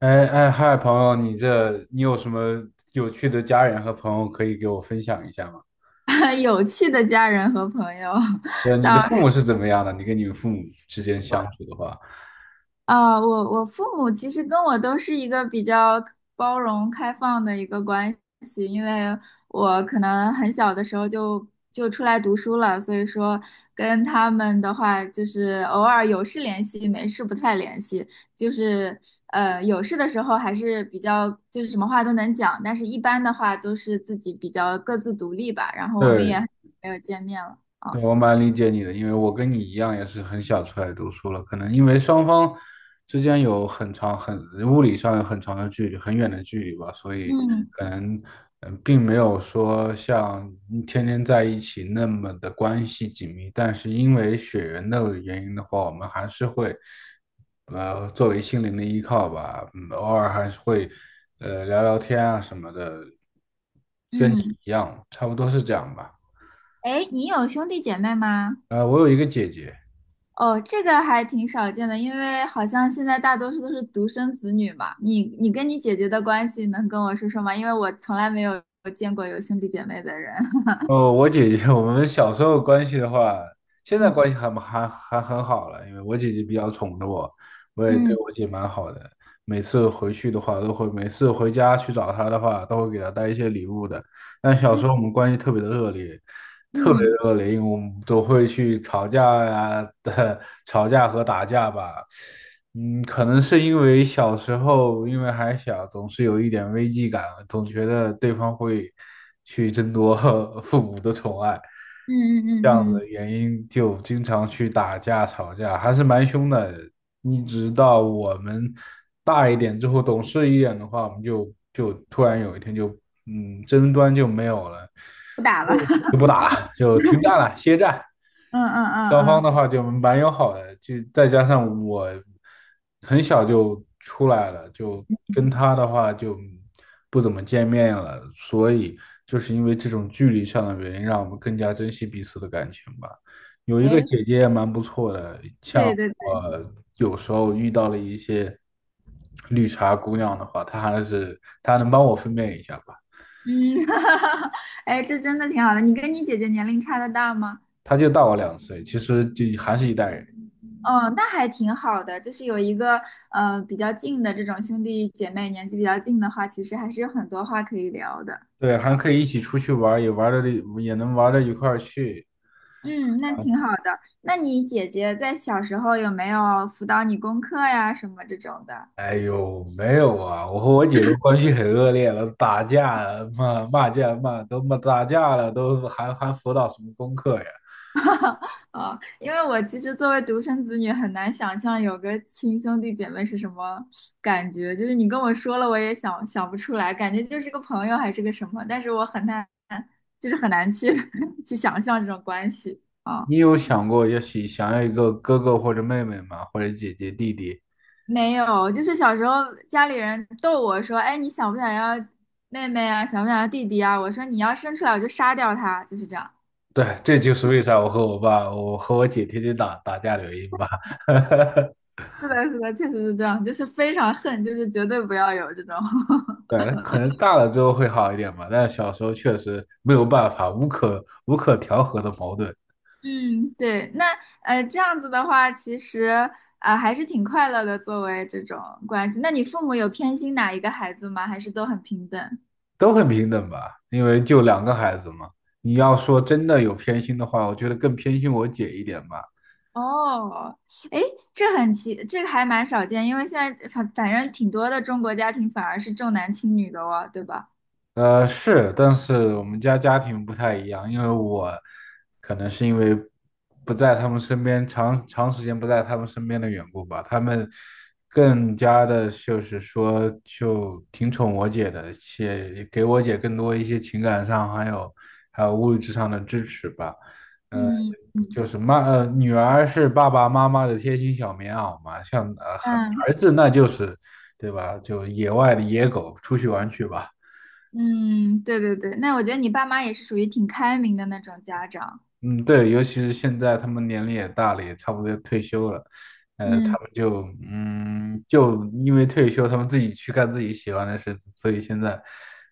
嗨，朋友，你有什么有趣的家人和朋友可以给我分享一下吗？有趣的家人和朋友 你的到父母是怎么样的？你跟你们父母之间相处的话，啊，我父母其实跟我都是一个比较包容开放的一个关系，因为我可能很小的时候就出来读书了，所以说跟他们的话就是偶尔有事联系，没事不太联系，就是有事的时候还是比较就是什么话都能讲，但是一般的话都是自己比较各自独立吧，然后我们也很对。久没有见面了对，啊，我蛮理解你的，因为我跟你一样，也是很小出来读书了。可能因为双方之间有很长、很物理上有很长的距离、很远的距离吧，所以嗯可能嗯，并没有说像天天在一起那么的关系紧密。但是因为血缘的原因的话，我们还是会作为心灵的依靠吧，嗯，偶尔还是会聊聊天啊什么的，嗯。一样，差不多是这样吧。哎，你有兄弟姐妹吗？我有一个姐姐。哦，这个还挺少见的，因为好像现在大多数都是独生子女嘛。你跟你姐姐的关系能跟我说说吗？因为我从来没有见过有兄弟姐妹的人。哦，我姐姐，我们小时候关系的话，现在嗯关系还很好了，因为我姐姐比较宠着我，我也对嗯我姐蛮好的。每次回去的话，每次回家去找她的话，都会给她带一些礼物的。但小时嗯候我们关系特别的恶劣，特别嗯的恶劣，因为我们都会去吵架呀、吵架和打架吧。嗯，可能是因为小时候，因为还小，总是有一点危机感，总觉得对方会去争夺 父母的宠爱，嗯嗯这样嗯的嗯，原因就经常去打架吵架，还是蛮凶的。一直到我们大一点之后，懂事一点的话，我们突然有一天就争端就没有了，不打了。就不 打了，就停战了，歇战。嗯嗯嗯双方嗯，的话就蛮友好的，就再加上我很小就出来了，就跟他的话就不怎么见面了，所以就是因为这种距离上的原因，让我们更加珍惜彼此的感情吧。有一个哎，姐姐也蛮不错的，像对对对，我有时候遇到了一些绿茶姑娘的话，她还是她能帮我分辨一下吧，嗯，哎，这真的挺好的。你跟你姐姐年龄差的大吗？她就大我两岁，其实就还是一代人。哦，那还挺好的，就是有一个比较近的这种兄弟姐妹，年纪比较近的话，其实还是有很多话可以聊的。对，还可以一起出去玩儿，也能玩到一块儿去。嗯，那挺好的。那你姐姐在小时候有没有辅导你功课呀，什么这种的？哎呦，没有啊，我和我姐都关系很恶劣了，打架了骂架了，都还辅导什么功课呀？哦，因为我其实作为独生子女，很难想象有个亲兄弟姐妹是什么感觉。就是你跟我说了，我也想不出来，感觉就是个朋友还是个什么，但是我很难，就是很难去 去想象这种关系。哦你有想过想要一个哥哥或者妹妹吗？或者姐姐弟弟？没有，就是小时候家里人逗我说："哎，你想不想要妹妹啊？想不想要弟弟啊？"我说："你要生出来，我就杀掉他。"就是这样。对，这就是为啥我和我姐天天打架的原因吧。是的，是的，确实是这样，就是非常恨，就是绝对不要有这种。对，可能大了之后会好一点吧，但小时候确实没有办法，无可调和的矛盾。嗯，对，那，这样子的话，其实啊、还是挺快乐的，作为这种关系。那你父母有偏心哪一个孩子吗？还是都很平等？都很平等吧，因为就两个孩子嘛。你要说真的有偏心的话，我觉得更偏心我姐一点吧。哦，哎，这很奇，这个还蛮少见，因为现在反正挺多的中国家庭反而是重男轻女的哦，对吧？是，但是我们家家庭不太一样，因为我可能是因为不在他们身边，长时间不在他们身边的缘故吧，他们更加的就是说就挺宠我姐的，且给我姐更多一些情感上还有物质上的支持吧。呃，嗯嗯，就是妈，女儿是爸爸妈妈的贴心小棉袄嘛，像嗯儿子那就是，对吧？就野外的野狗，出去玩去吧。嗯，对对对，那我觉得你爸妈也是属于挺开明的那种家长。嗯，对，尤其是现在他们年龄也大了，也差不多要退休了，他嗯，们就就因为退休，他们自己去干自己喜欢的事，所以现在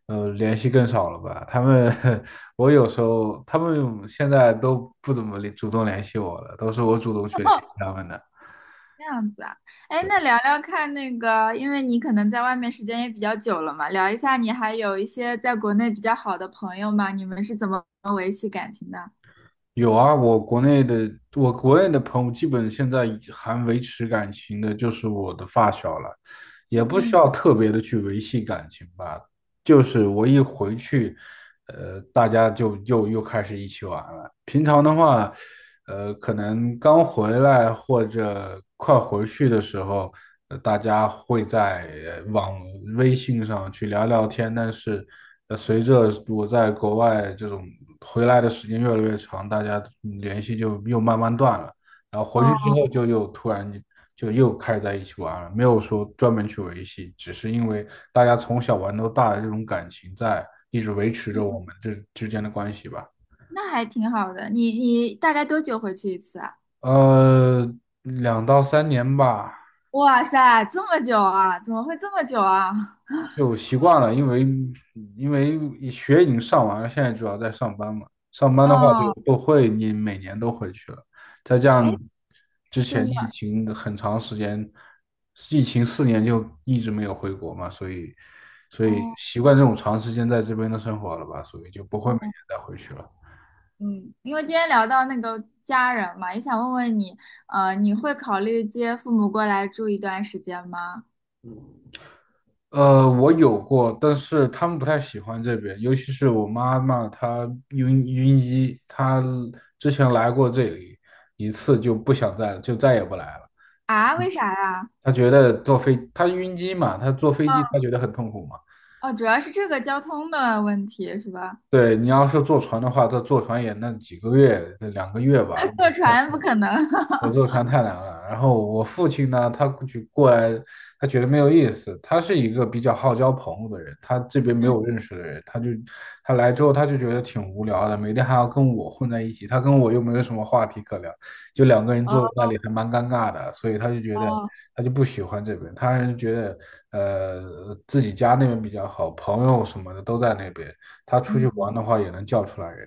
联系更少了吧？他们 我有时候他们现在都不怎么主动联系我了，都是我主动去联系他 们的。这样子啊，哎，那聊聊看那个，因为你可能在外面时间也比较久了嘛，聊一下你还有一些在国内比较好的朋友吗？你们是怎么维系感情的？有啊，我国内的朋友，基本现在还维持感情的，就是我的发小了，也不需嗯，要特别的去维系感情吧。就是我一回去，大家就又开始一起玩了。平常的话，可能刚回来或者快回去的时候，大家会在微信上去聊聊天。但是，随着我在国外这种回来的时间越来越长，大家联系就又慢慢断了。然后回去之哦，后就又开在一起玩了，没有说专门去维系，只是因为大家从小玩到大的这种感情在，一直维持着我们这之间的关系吧。那还挺好的。你大概多久回去一次啊？呃，两到三年吧，哇塞，这么久啊？怎么会这么久啊？就习惯了，因为学已经上完了，现在主要在上班嘛。上班的话就哦，不会，你每年都回去了。再加哎，上之前真的，疫情的很长时间，疫情四年就一直没有回国嘛，所以哦，习惯这种长时间在这边的生活了吧，所以就不会每年哦，再回去了。嗯，因为今天聊到那个家人嘛，也想问问你，你会考虑接父母过来住一段时间吗？我有过，但是他们不太喜欢这边，尤其是我妈妈，晕机，她之前来过这里一次就再也不来了。啊，为啥呀？她觉得她晕机嘛，她坐飞机她觉得很痛苦嘛。哦，主要是这个交通的问题是吧？对，你要是坐船的话，她坐船也那几个月，这两个月吧，坐船不可能。在坐船太难了。然后我父亲呢，他过去过来，他觉得没有意思。他是一个比较好交朋友的人，他这边没嗯，有认识的人，他来之后他就觉得挺无聊的，每天还要跟我混在一起，他跟我又没有什么话题可聊，就两个人哦，坐在那里还蛮尴尬的，所以哦，他就不喜欢这边，他还是觉得自己家那边比较好，朋友什么的都在那边，他出去玩嗯，的话也能叫出来人。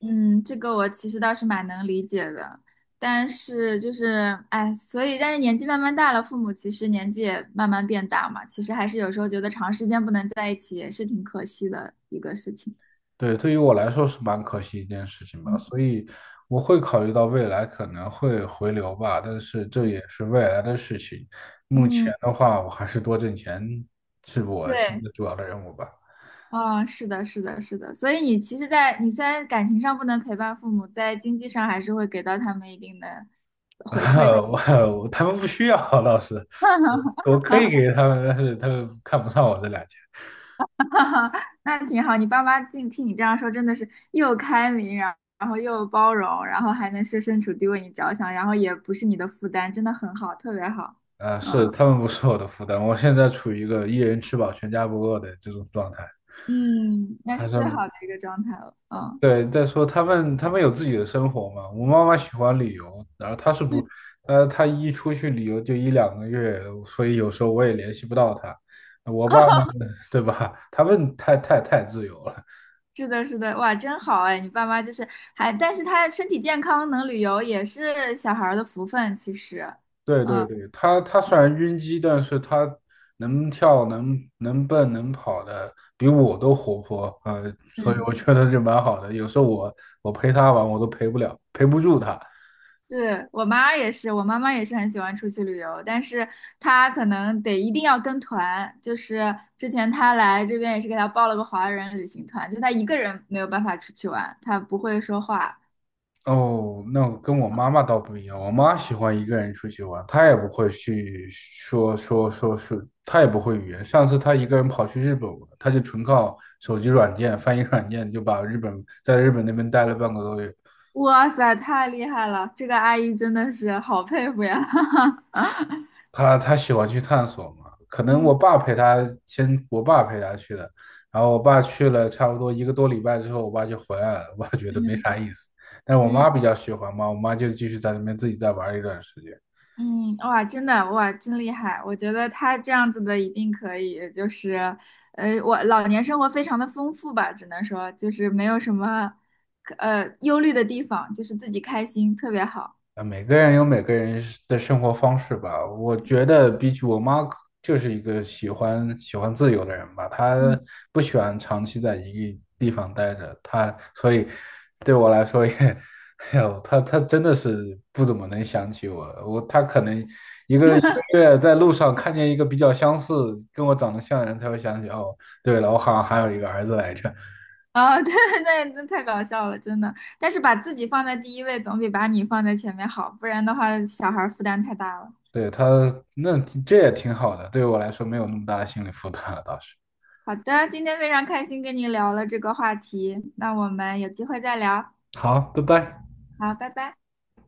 嗯，这个我其实倒是蛮能理解的，但是就是，哎，所以，但是年纪慢慢大了，父母其实年纪也慢慢变大嘛，其实还是有时候觉得长时间不能在一起也是挺可惜的一个事情。对，对于我来说是蛮可惜一件事情吧，嗯，所以我会考虑到未来可能会回流吧，但是这也是未来的事情。目前嗯，的话，我还是多挣钱是我现对，在主要的任务吧。啊，是的，是的，是的，所以你其实在，你虽然感情上不能陪伴父母，在经济上还是会给到他们一定的 回馈。我我他们不需要，老师，我我可以给他们，但是他们看不上我这俩钱。哈哈，那挺好。你爸妈竟听你这样说，真的是又开明，然后又包容，然后还能设身处地为你着想，然后也不是你的负担，真的很好，特别好。是嗯他们不是我的负担，我现在处于一个一人吃饱全家不饿的这种状态，嗯，那还是是最好的一个状态了。嗯，对，再说他们有自己的生活嘛。我妈妈喜欢旅游，然后她是嗯，不，她一出去旅游就一两个月，所以有时候我也联系不到她。我爸呢，对吧？他们太自由了。是的，是的，哇，真好哎！你爸妈就是还，但是他身体健康能旅游也是小孩儿的福分，其实。对对嗯对，他他虽然晕机，但是他能跳，能蹦，能跑的，比我都活泼。啊。所以嗯。我觉得就蛮好的。有时候我我陪他玩，我都陪不了，陪不住他。是我妈也是，我妈妈也是很喜欢出去旅游，但是她可能得一定要跟团。就是之前她来这边也是给她报了个华人旅行团，就她一个人没有办法出去玩，她不会说话。哦，那我跟我妈妈倒不一样，我妈喜欢一个人出去玩，她也不会去说，她也不会语言。上次她一个人跑去日本玩，她就纯靠手机软件、翻译软件就把日本在日本那边待了半个多月。哇塞，太厉害了！这个阿姨真的是好佩服呀！她喜欢去探索嘛，可能我嗯爸陪她先，我爸陪她去的，然后我爸去了差不多一个多礼拜之后，我爸就回来了，我爸觉得没嗯啥意思。但我嗯。妈比较喜欢嘛，我妈就继续在那边自己再玩一段时间。嗯，哇，真的，哇，真厉害！我觉得他这样子的一定可以，就是，我老年生活非常的丰富吧，只能说就是没有什么，忧虑的地方，就是自己开心，特别好。啊，每个人是的生活方式吧。我觉得比起我妈，就是一个喜欢自由的人吧。她嗯，不喜欢长期在一个地方待着，所以对我来说也，哎呦，她真的是不怎么能想起我。她可能一个一个月在路上看见一个比较相似、跟我长得像的人，才会想起哦，对了，我好像还有一个儿子来着。啊、对，那太搞笑了，真的。但是把自己放在第一位，总比把你放在前面好，不然的话，小孩儿负担太大了。对她，那这也挺好的，对于我来说没有那么大的心理负担了，倒是。好的，今天非常开心跟你聊了这个话题，那我们有机会再聊。好，拜拜。好，拜拜。